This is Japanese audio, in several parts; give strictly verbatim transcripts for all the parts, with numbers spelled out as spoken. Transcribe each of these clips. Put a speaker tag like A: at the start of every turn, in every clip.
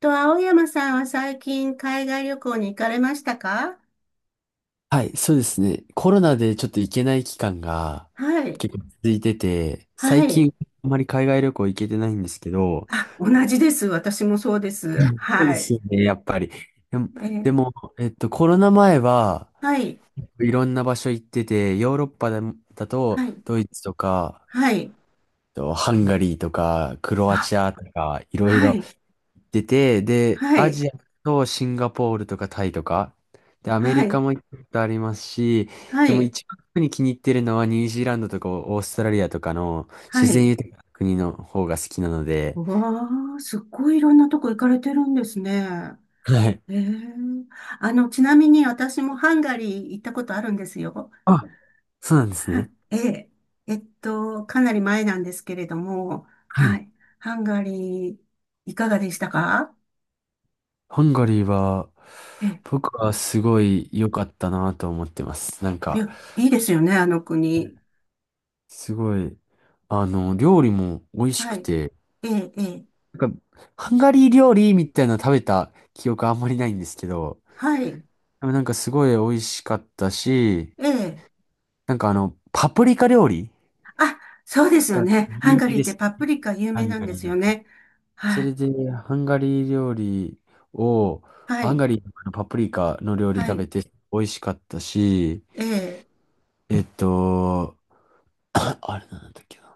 A: と、青山さんは最近海外旅行に行かれましたか？
B: はい、そうですね。コロナでちょっと行けない期間が
A: はい。
B: 結構続いてて、
A: は
B: 最
A: い。
B: 近あまり海外旅行行けてないんですけど、
A: あ、同じです。私もそうです。
B: そうで
A: はい。
B: すよね、やっぱり。でも、
A: え
B: で
A: ー
B: もえっと、コロナ前は
A: はい。
B: いろんな場所行ってて、ヨーロッパだ、だと
A: はい。
B: ドイツとか、え
A: はい。
B: っとハンガリーとか、クロア
A: あ、
B: チアとか、いろい
A: は
B: ろ
A: い。
B: 出て、で、
A: は
B: ア
A: い。
B: ジアとシンガポールとかタイとか、で、アメ
A: は
B: リカ
A: い。
B: も行ったことありますし、
A: は
B: でも
A: い。
B: 一番特に気に入ってるのはニュージーランドとかオーストラリアとかの
A: は
B: 自然
A: い。
B: 豊かな国の方が好きなので、
A: うわー、すっごいいろんなとこ行かれてるんですね。
B: はい。
A: えー、あの、ちなみに私もハンガリー行ったことあるんですよ。
B: あ、そうなんです
A: は
B: ね。
A: ええ、えっと、かなり前なんですけれども、
B: は
A: は
B: い。
A: い。ハンガリー、いかがでしたか？
B: ハンガリーは、
A: ええ、
B: 僕はすごい良かったなと思ってます。なん
A: い
B: か、
A: や、いいですよね、あの国。
B: すごい、あの、料理も美味し
A: は
B: く
A: い。
B: て、
A: ええ、ええ、
B: なんか、ハンガリー料理みたいなの食べた記憶あんまりないんですけど、
A: はい。
B: でもなんかすごい美味しかったし、
A: ええ、
B: なんかあの、パプリカ料理
A: あ、そうですよ
B: が
A: ね。ハン
B: 有
A: ガ
B: 名
A: リーっ
B: で
A: て
B: す。
A: パプリカ有
B: ハ
A: 名
B: ン
A: なん
B: ガ
A: で
B: リー
A: す
B: の。
A: よね。
B: そ
A: は
B: れ
A: い。
B: で、ハンガリー料理を、
A: は
B: ハン
A: い。
B: ガリーのパプリカの料理
A: は
B: 食べ
A: い。
B: て美味しかったし、
A: ええ、
B: えっと、あれなんだっけな。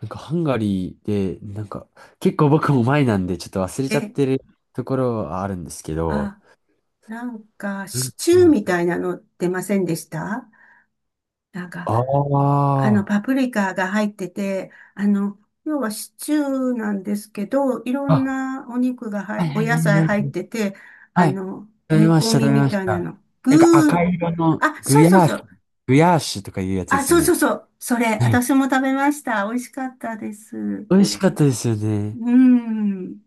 B: なんかハンガリーで、なんか、結構僕も前なんでちょっと忘れ
A: え
B: ちゃっ
A: え、
B: てるところはあるんですけど、
A: あ、なんか、シチュ
B: な
A: ー
B: ん
A: み
B: か
A: たいなの出ませんでした？なんか、
B: ああ
A: あの、
B: ー、
A: パプリカが入ってて、あの、要はシチューなんですけど、いろん
B: あ、
A: なお肉がは
B: はい
A: い、お
B: はい
A: 野
B: はい
A: 菜
B: は
A: 入っ
B: い
A: てて、
B: は
A: あ
B: い。
A: の、
B: 食べ
A: 煮
B: まし
A: 込
B: た、食
A: み
B: べ
A: み
B: まし
A: たいな
B: た。
A: の。具
B: なんか赤
A: ー、
B: 色の
A: あ、
B: グ
A: そう
B: ヤ
A: そう
B: ーシ
A: そ
B: ュ、
A: う。
B: グヤーシュとかいうやつで
A: あ、
B: す
A: そ
B: よ
A: うそ
B: ね。
A: うそう。それ、
B: はい。
A: 私も食べました。美味しかったです。
B: 美味しかったですよね。
A: うん。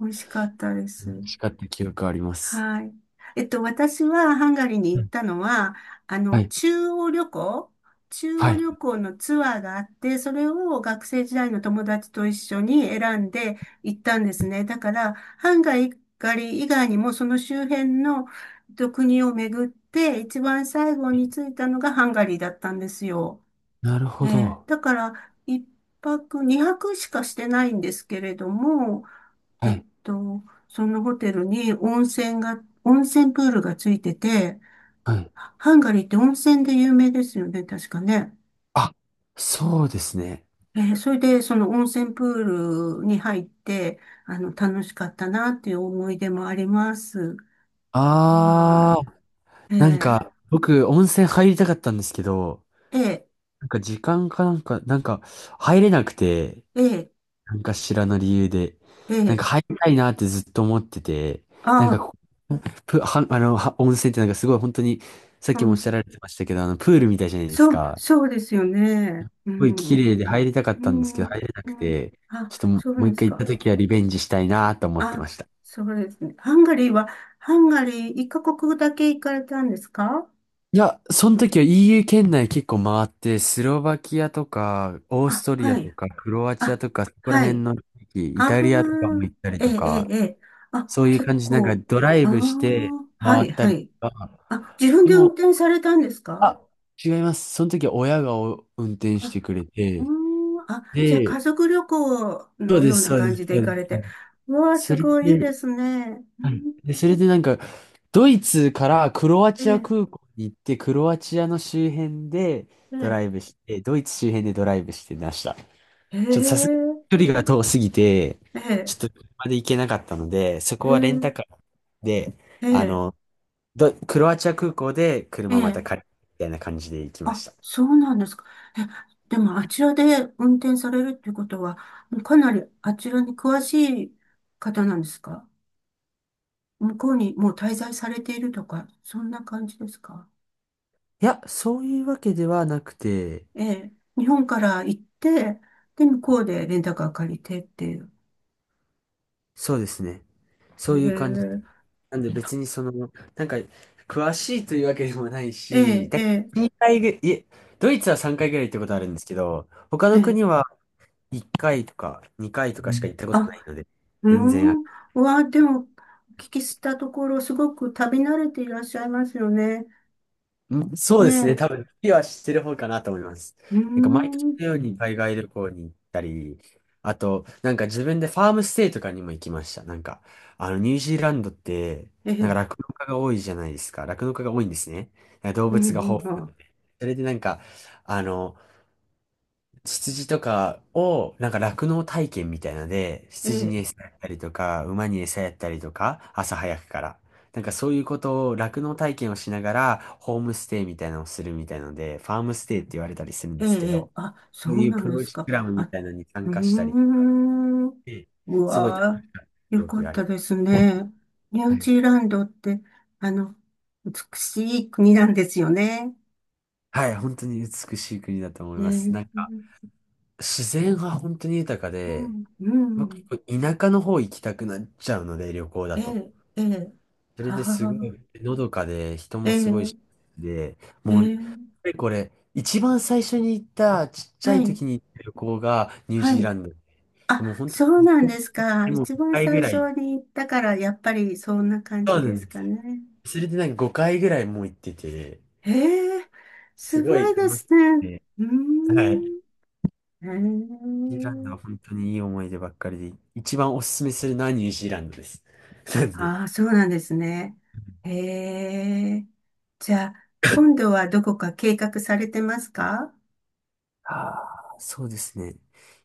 A: 美味しかったで
B: 美
A: す。
B: 味しかった記憶あります。
A: はい。えっと、私はハンガリーに
B: う
A: 行っ
B: ん、
A: たのは、あ
B: は
A: の、
B: い。
A: 中央旅行中
B: は
A: 央
B: い。
A: 旅行のツアーがあって、それを学生時代の友達と一緒に選んで行ったんですね。だから、ハンガリー以外にもその周辺のえっと国を巡って、一番最後に着いたのがハンガリーだったんですよ。
B: なるほ
A: ええ、
B: ど。
A: だから、一泊、二泊しかしてないんですけれども、
B: は
A: えっ
B: い。
A: と、そのホテルに温泉が、温泉プールがついてて、
B: はい。
A: ハンガリーって温泉で有名ですよね、確かね。
B: あ、そうですね。
A: えーそれで、その温泉プールに入って、あの、楽しかったなっていう思い出もあります。は
B: あー、
A: い。
B: なん
A: え
B: か、僕、温泉入りたかったんですけど、
A: ー、え
B: なんか時間かなんか、なんか入れなくて、
A: ー、え
B: なんか知らぬ理由で、
A: ー、え
B: なんか
A: ー、
B: 入りたいなってずっと思ってて、
A: あ
B: なんか
A: あ、
B: こうプ、は、あの、は温泉ってなんかすごい本当に、さっ
A: う
B: きもおっ
A: ん、
B: しゃられてましたけど、あの、プールみたいじゃないです
A: そう、
B: か。す
A: そうですよね。う
B: ごい
A: ん、
B: 綺麗で入りたかっ
A: う
B: たんです
A: ん、
B: けど、入れな
A: う
B: く
A: ん、
B: て、
A: あ、
B: ちょっともう、
A: そう
B: もう
A: で
B: 一
A: す
B: 回行った
A: か。
B: 時はリベンジしたいなと思って
A: あ、
B: ました。
A: そうですね。ハンガリーは、ハンガリー一カ国だけ行かれたんですか？
B: いや、その時は イーユー 圏内結構回って、スロバキアとか、オース
A: あ、
B: トリア
A: は
B: と
A: い。
B: か、クロアチア
A: あ、
B: とか、そこら
A: は
B: 辺
A: い。
B: の地域、イ
A: ああ、
B: タリアとかも行ったり
A: ええ、
B: と
A: ええ、
B: か、
A: ええ、あ、
B: そういう
A: 結
B: 感じで、なんか
A: 構。
B: ドライ
A: あ
B: ブして
A: あ、は
B: 回
A: い、
B: った
A: は
B: り
A: い。
B: とか、
A: あ、自分
B: で
A: で運
B: も、
A: 転されたんですか？
B: あ、違います。その時は親がお運転し
A: あ、
B: てくれ
A: うー
B: て、
A: ん、あ、じゃあ家
B: で、
A: 族旅行
B: そう
A: の
B: で
A: よう
B: す、
A: な
B: そうです。
A: 感じで
B: そ
A: 行
B: うで
A: かれて。うわあ、
B: す。
A: す
B: それ
A: ごいいい
B: で、
A: ですね。う
B: はい
A: ん、
B: で、それでなんか、ドイツからクロア
A: え
B: チア
A: え、
B: 空港に行って、クロアチアの周辺で
A: え
B: ド
A: え、
B: ライブして、ドイツ周辺でドライブしてました。
A: え
B: ちょっとさすが
A: え、
B: に距離が遠すぎて、
A: え
B: ち
A: え、
B: ょっと車で行けなかったので、そこ
A: え
B: はレンタカーで、あ
A: え、
B: の、ドクロアチア空港で
A: ええ。
B: 車また
A: え
B: 借
A: え、
B: りてみたいな感じで行きま
A: あ、
B: した。い
A: そうなんですか。え、でもあちらで運転されるっていうことは、かなりあちらに詳しい方なんですか？向こうにもう滞在されているとか、そんな感じですか？
B: や、そういうわけではなくて、
A: ええ、日本から行って、で、向こうでレンタカー借りてっていう。
B: そうですね。そ
A: え
B: ういう感じ。
A: え、
B: なんで別にその、なんか、詳しいというわけでもない
A: え
B: し、
A: え、
B: だ
A: ええ、
B: にかいぐ、いえ、ドイツはさんかいぐらい行ったことあるんですけど、他
A: え
B: の
A: え、
B: 国はいっかいとかにかいと
A: う
B: かしか行
A: ん、
B: ったこと
A: あ、
B: ないので、
A: うー
B: 全然あ、
A: ん。うわ、でも、お聞きしたところ、すごく旅慣れていらっしゃいますよね。
B: んそう
A: ね
B: で
A: え、
B: すね、
A: う
B: 多分、次は知ってる方かなと思います。
A: ー
B: なんか毎年
A: ん。
B: のように海外旅行に行ったり、あと、なんか自分でファームステイとかにも行きました。なんか、あの、ニュージーランドって、
A: え
B: なんか
A: え、
B: 酪農家が多いじゃないですか。酪農家が多いんですね。動
A: うん、
B: 物が
A: うん、
B: 豊
A: う
B: 富。
A: ん。
B: それでなんか、あの、羊とかを、なんか酪農体験みたいなので、
A: え
B: 羊に
A: え、
B: 餌やったりとか、馬に餌やったりとか、朝早くから。なんかそういうことを、酪農体験をしながら、ホームステイみたいなのをするみたいなので、ファームステイって言われたりするん
A: ええ、
B: ですけ
A: ええ、
B: ど、
A: あ、そ
B: そうい
A: う
B: う
A: な
B: プ
A: ん
B: ロ
A: で
B: グ
A: すか。
B: ラムみ
A: あ、
B: たいなのに参
A: うー
B: 加したり
A: ん、う
B: すごい楽
A: わ
B: しかった
A: ー、
B: 記
A: よか
B: 憶
A: っ
B: があり
A: たです
B: ます。
A: ね。ニュ
B: は
A: ー
B: い、
A: ジーランドって、あの、美しい国なんですよね。
B: はい本当に美しい国だと思います。
A: ね
B: なんか、
A: え、
B: 自然が本当に豊か
A: う
B: で、
A: ん、う
B: 僕
A: ん、
B: 結構田舎の方行きたくなっちゃうので、旅行だ
A: え
B: と。
A: え、ええ、
B: それ
A: は
B: ですご
A: あ、
B: いのどかで、人
A: え
B: もすごいし、
A: え、
B: で、
A: え
B: もう、
A: え、
B: これ、一番最初に行った、ちっちゃ
A: は
B: い
A: い、
B: 時に行った旅行がニュー
A: は
B: ジー
A: い。
B: ランド。で
A: あ、
B: も本当
A: そう
B: ずっ
A: なん
B: と、
A: ですか。
B: でも
A: 一番
B: ごかいぐ
A: 最
B: らい。
A: 初に行ったから、やっぱりそんな感
B: そ
A: じ
B: うな
A: で
B: ん
A: す
B: で
A: か
B: す。
A: ね。
B: それでなんかごかいぐらいもう行ってて、
A: へえ、
B: す
A: す
B: ご
A: ご
B: い
A: いで
B: 楽
A: す
B: しく
A: ね。
B: て、
A: うー
B: はい。
A: ん。へ
B: ニュージーランドは
A: え。
B: 本当にいい思い出ばっかりで、一番おすすめするのはニュージーランドです。なんで。
A: ああ、そうなんですね。へえ。じゃあ、今度はどこか計画されてますか？
B: ああ、そうですね。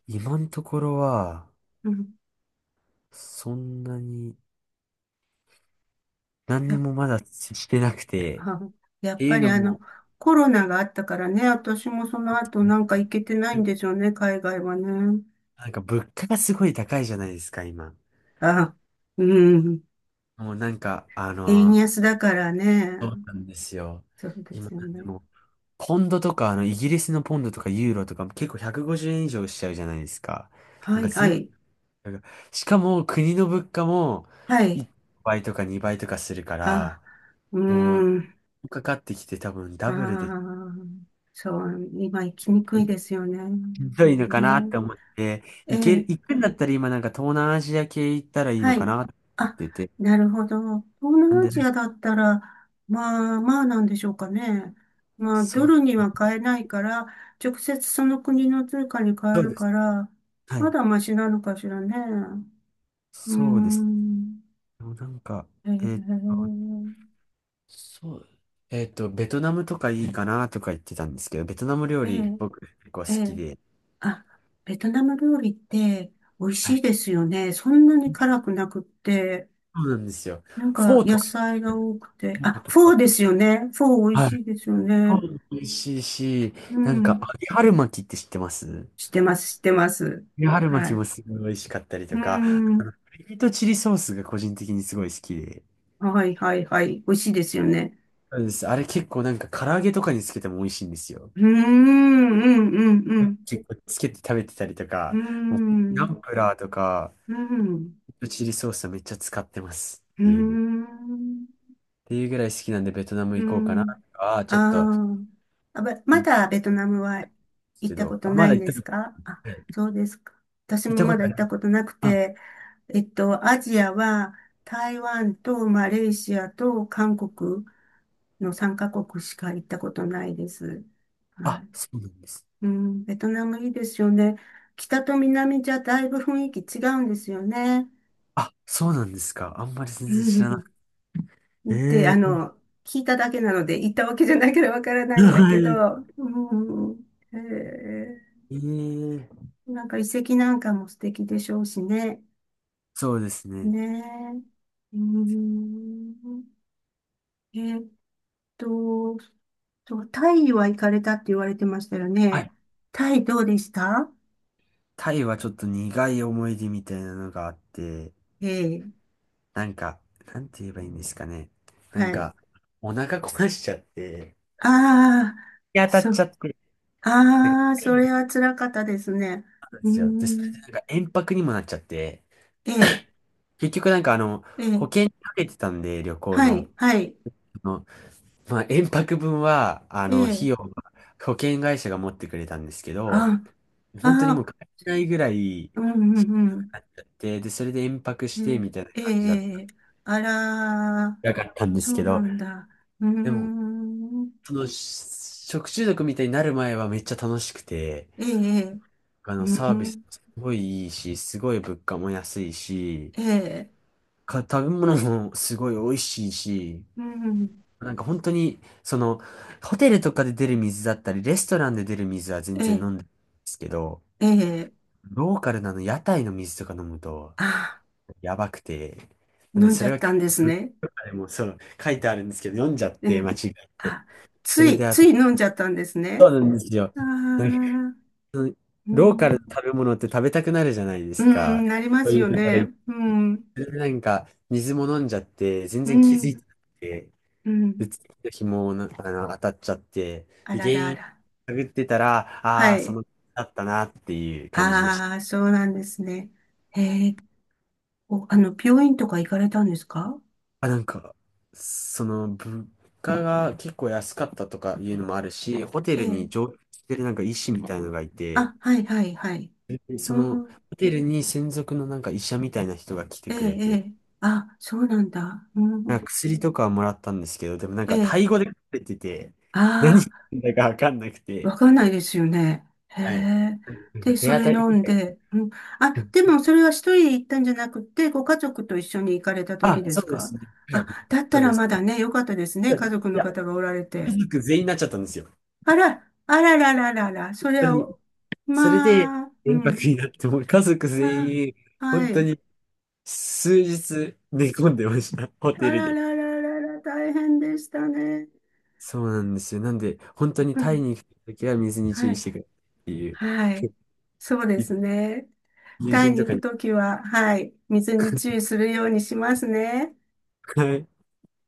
B: 今のところは、
A: うん。
B: そんなに、何に
A: や、
B: もまだしてなくて、っ
A: あ、や
B: て
A: っ
B: い
A: ぱ
B: う
A: り
B: の
A: あの、
B: も、
A: コロナがあったからね、私もその後なん
B: ね、
A: か行けてないんでしょうね、海外はね。
B: なんか物価がすごい高いじゃないですか、今。
A: あ、うん。
B: もうなんか、あ
A: 円
B: の、
A: 安だからね。
B: そうなんですよ。
A: そうで
B: 今、
A: す
B: で
A: よね。
B: も、ポンドとか、あの、イギリスのポンドとかユーロとか、結構ひゃくごじゅうえん以上しちゃうじゃないですか。な
A: は
B: ん
A: い、
B: か
A: は
B: 全、
A: い、
B: なんかしかも国の物価も
A: はい。
B: いちばいとかにばいとかするか
A: あ、
B: ら、
A: う
B: も
A: ん。
B: う、かかってきて多分
A: あ
B: ダブルで
A: あ、そう、今行きにくい
B: ひ
A: ですよね。本当
B: どいの
A: に
B: かなっ
A: ね。
B: て思って、
A: え
B: 行ける、
A: え、
B: 行くんだったら今なんか東南アジア系行ったらいい
A: は
B: のか
A: い。
B: なって思っ
A: あ、
B: てて。
A: なるほど。東
B: なん
A: 南ア
B: で、
A: ジアだったら、まあまあなんでしょうかね。まあ、
B: そ
A: ド
B: う、
A: ルには買えないから、直接その国の通貨に変え
B: そう
A: る
B: です。
A: から、
B: は
A: ま
B: い。
A: だマシなのかしらね。うー
B: そうです。
A: ん。
B: でもなんか、
A: え
B: えーっと、
A: え、
B: そう、えーっと、ベトナムとかいいかなとか言ってたんですけど、ベトナム料
A: え
B: 理
A: え、
B: 僕結構
A: え
B: 好き
A: え。
B: で、
A: あ、ベトナム料理って美味
B: は
A: しい
B: い。
A: ですよね。そんなに辛くなくって。
B: そうなんですよ。
A: なん
B: フ
A: か
B: ォーと
A: 野
B: か、
A: 菜が多くて。
B: フォー
A: あ、
B: と
A: フォ
B: か、
A: ーですよね。フォー美味
B: はい。
A: しいですよ
B: フォ
A: ね。
B: ーも美味しいし、
A: う
B: なんか、
A: ん。
B: 揚げ春巻きって知ってます、揚
A: 知ってます、知ってます。
B: げ春巻
A: は
B: き
A: い。
B: もすごい美味しかったりと
A: う
B: か、
A: ん。
B: ピリとチリソースが個人的にすごい好きで。
A: はい、はい、はい。美味しいですよね。
B: そうです。あれ結構なんか唐揚げとかにつけても美味しいんですよ。
A: うーん、うん、うん、うん。
B: 結構つけて食べてたりと
A: う
B: か、
A: ー
B: もうナ
A: ん、
B: ンプラーとか、
A: うん、
B: リとチリソースはめっちゃ使ってます。
A: う
B: 家で。っ
A: ーん。
B: ていうぐらい好きなんでベトナム
A: う
B: 行こうかな。
A: ん。
B: ああ、ちょっと、
A: あーあ、べ
B: い
A: ま
B: いで
A: だベトナムは
B: す
A: 行っ
B: け
A: たこ
B: ど。
A: と
B: あ、
A: な
B: まだ
A: いん
B: 行っ
A: で
B: た
A: す
B: こと
A: か？あ、
B: ない。
A: そうですか。私
B: 行っ
A: も
B: たこ
A: ま
B: と
A: だ
B: あ
A: 行
B: り
A: っ
B: ま
A: た
B: す。
A: ことなく
B: あ、
A: て、えっと、アジアは台湾とマレーシアと韓国のさんカ国しか行ったことないです。は
B: あ、
A: い。
B: そうなんです。
A: うん、ベトナムいいですよね。北と南じゃだいぶ雰囲気違うんですよね。
B: あ、そうなんですか。あんまり全
A: う
B: 然知らな
A: ん。
B: くて。
A: って、あ
B: ええ
A: の、聞いただけなので、行ったわけじゃないからわからな
B: ー。
A: いんだ
B: は
A: けど、
B: い。
A: うん、へえ、
B: ええー。
A: なんか遺跡なんかも素敵でしょうしね。
B: そうですね。
A: ねえ。うん、えっと、そう、タイは行かれたって言われてましたよ
B: はい。
A: ね。タイどうでした？
B: タイはちょっと苦い思い出みたいなのがあって、
A: ええ、
B: なんか、なんて言えばいいんですかね。なん
A: はい。
B: か、お腹壊しちゃって、
A: ああ、
B: 日当たっ
A: そ
B: ちゃっ
A: う、
B: て。なんか
A: ああ、それは辛かったですね。
B: そうで
A: うー
B: すよ。で、それで
A: ん、
B: なんか延泊にもなっちゃって、
A: ええ、
B: 結局なんかあの、
A: え
B: 保
A: え、
B: 険にかけてたんで、旅行
A: は
B: の。
A: い、はい、
B: あの、まあ、延泊分は、あ
A: え
B: の、費
A: え、
B: 用は保険会社が持ってくれたんですけど、
A: あ、あ
B: 本当にもう
A: あ、
B: 帰れないぐらい
A: うんうん
B: で、で、それで延泊
A: う
B: し
A: ん。
B: て
A: ね
B: みたいな
A: え、
B: 感じだっ
A: え
B: た。
A: え、あら、
B: なかったんです
A: そ
B: け
A: うな
B: ど、
A: んだ。うー
B: でも、
A: ん、
B: その、し食中毒みたいになる前はめっちゃ楽しくて、
A: ええ、
B: あ
A: う
B: の、サービス
A: ん、
B: もすごいいいし、すごい物価も安いし、
A: ええ、
B: か、食べ物もすごい美味しいし、
A: うん、
B: なんか本当に、その、ホテルとかで出る水だったり、レストランで出る水は全
A: え
B: 然飲
A: え、
B: んでるんですけど、
A: ええ、
B: ローカルなの屋台の水とか飲むと、
A: あ、
B: やばくて、なん
A: 飲
B: で
A: ん
B: そ
A: じゃ
B: れ
A: っ
B: が
A: た
B: 結
A: んで
B: 構
A: す
B: 文
A: ね。
B: 化でもそう、書いてあるんですけど、読んじゃっ
A: え
B: て、
A: え、
B: 間違えて。
A: あ、
B: そ
A: つ
B: れで、
A: い、
B: あ
A: つ
B: と、
A: い飲んじゃったんです
B: そ
A: ね。
B: うなんですよ。
A: ああ、
B: その
A: う
B: ローカル
A: ん、
B: の食べ物って食べたくなるじゃないで
A: う
B: す
A: ん、
B: か。
A: なりま
B: そう
A: す
B: いう
A: よ
B: ところ
A: ね。
B: 行って
A: うん、
B: それでなんか、水も飲んじゃって、全
A: う
B: 然気づい
A: ん、
B: てなくて、
A: う
B: で、
A: ん。
B: 次の日もな、あの、当たっちゃって、
A: あ
B: で
A: ら
B: 原
A: らあ
B: 因
A: ら。
B: 探ってたら、あ
A: は
B: あー、そ
A: い。
B: の、だったなっていう感じでし
A: あ
B: た。
A: あ、そうなんですね。ええ、お、あの、病院とか行かれたんですか？
B: あ、なんか、その、物価が結構安かったとかいうのもあるし、ホテ
A: え
B: ルに
A: え。
B: 常駐してるなんか医師みたいのがいて、
A: あ、はい、はい、はい。
B: でそ
A: う
B: の、
A: ん、
B: ホテルに専属のなんか医者みたいな人が来て
A: ええ、
B: くれ
A: え
B: て、
A: え。あ、そうなんだ。う
B: なん
A: ん、
B: か薬とかはもらったんですけど、でもなん
A: え
B: かタ
A: え。
B: イ語で書かれてて、何言っ
A: あ
B: てんだかわかんなく
A: あ、わ
B: て、
A: かんないですよね。へ
B: はい。
A: え。
B: なんか
A: で、
B: 手
A: そ
B: 当
A: れ
B: たり
A: 飲
B: み
A: ん
B: たいな。
A: で、うん。あ、でもそれは一人で行ったんじゃなくて、ご家族と一緒に行かれた時
B: あ、
A: で
B: そ
A: す
B: うで
A: か？
B: すね。は
A: あ、
B: い。
A: だった
B: そう
A: ら
B: です。
A: まだね、よかったですね。家族
B: い
A: の
B: や、
A: 方がおられて。
B: 家族全員になっちゃったんですよ。本
A: あら、あららららら、それ
B: 当
A: は
B: に。
A: お、
B: それで、
A: まあ、う
B: 連泊
A: ん。
B: になって、もう家族
A: あ、
B: 全員、
A: は
B: 本当
A: い。
B: に数日寝込んでました。ホテ
A: あ
B: ル
A: ら
B: で。
A: らららら、大変でしたね。
B: そうなんですよ。なんで、本当に
A: う
B: タイ
A: ん。
B: に行くときは水に注
A: は
B: 意
A: い。
B: してくれっていう、
A: はい。そうで すね。
B: 友
A: タイ
B: 人と
A: に
B: か
A: 行く
B: に。
A: ときは、はい。水に注意するようにしますね。
B: はい。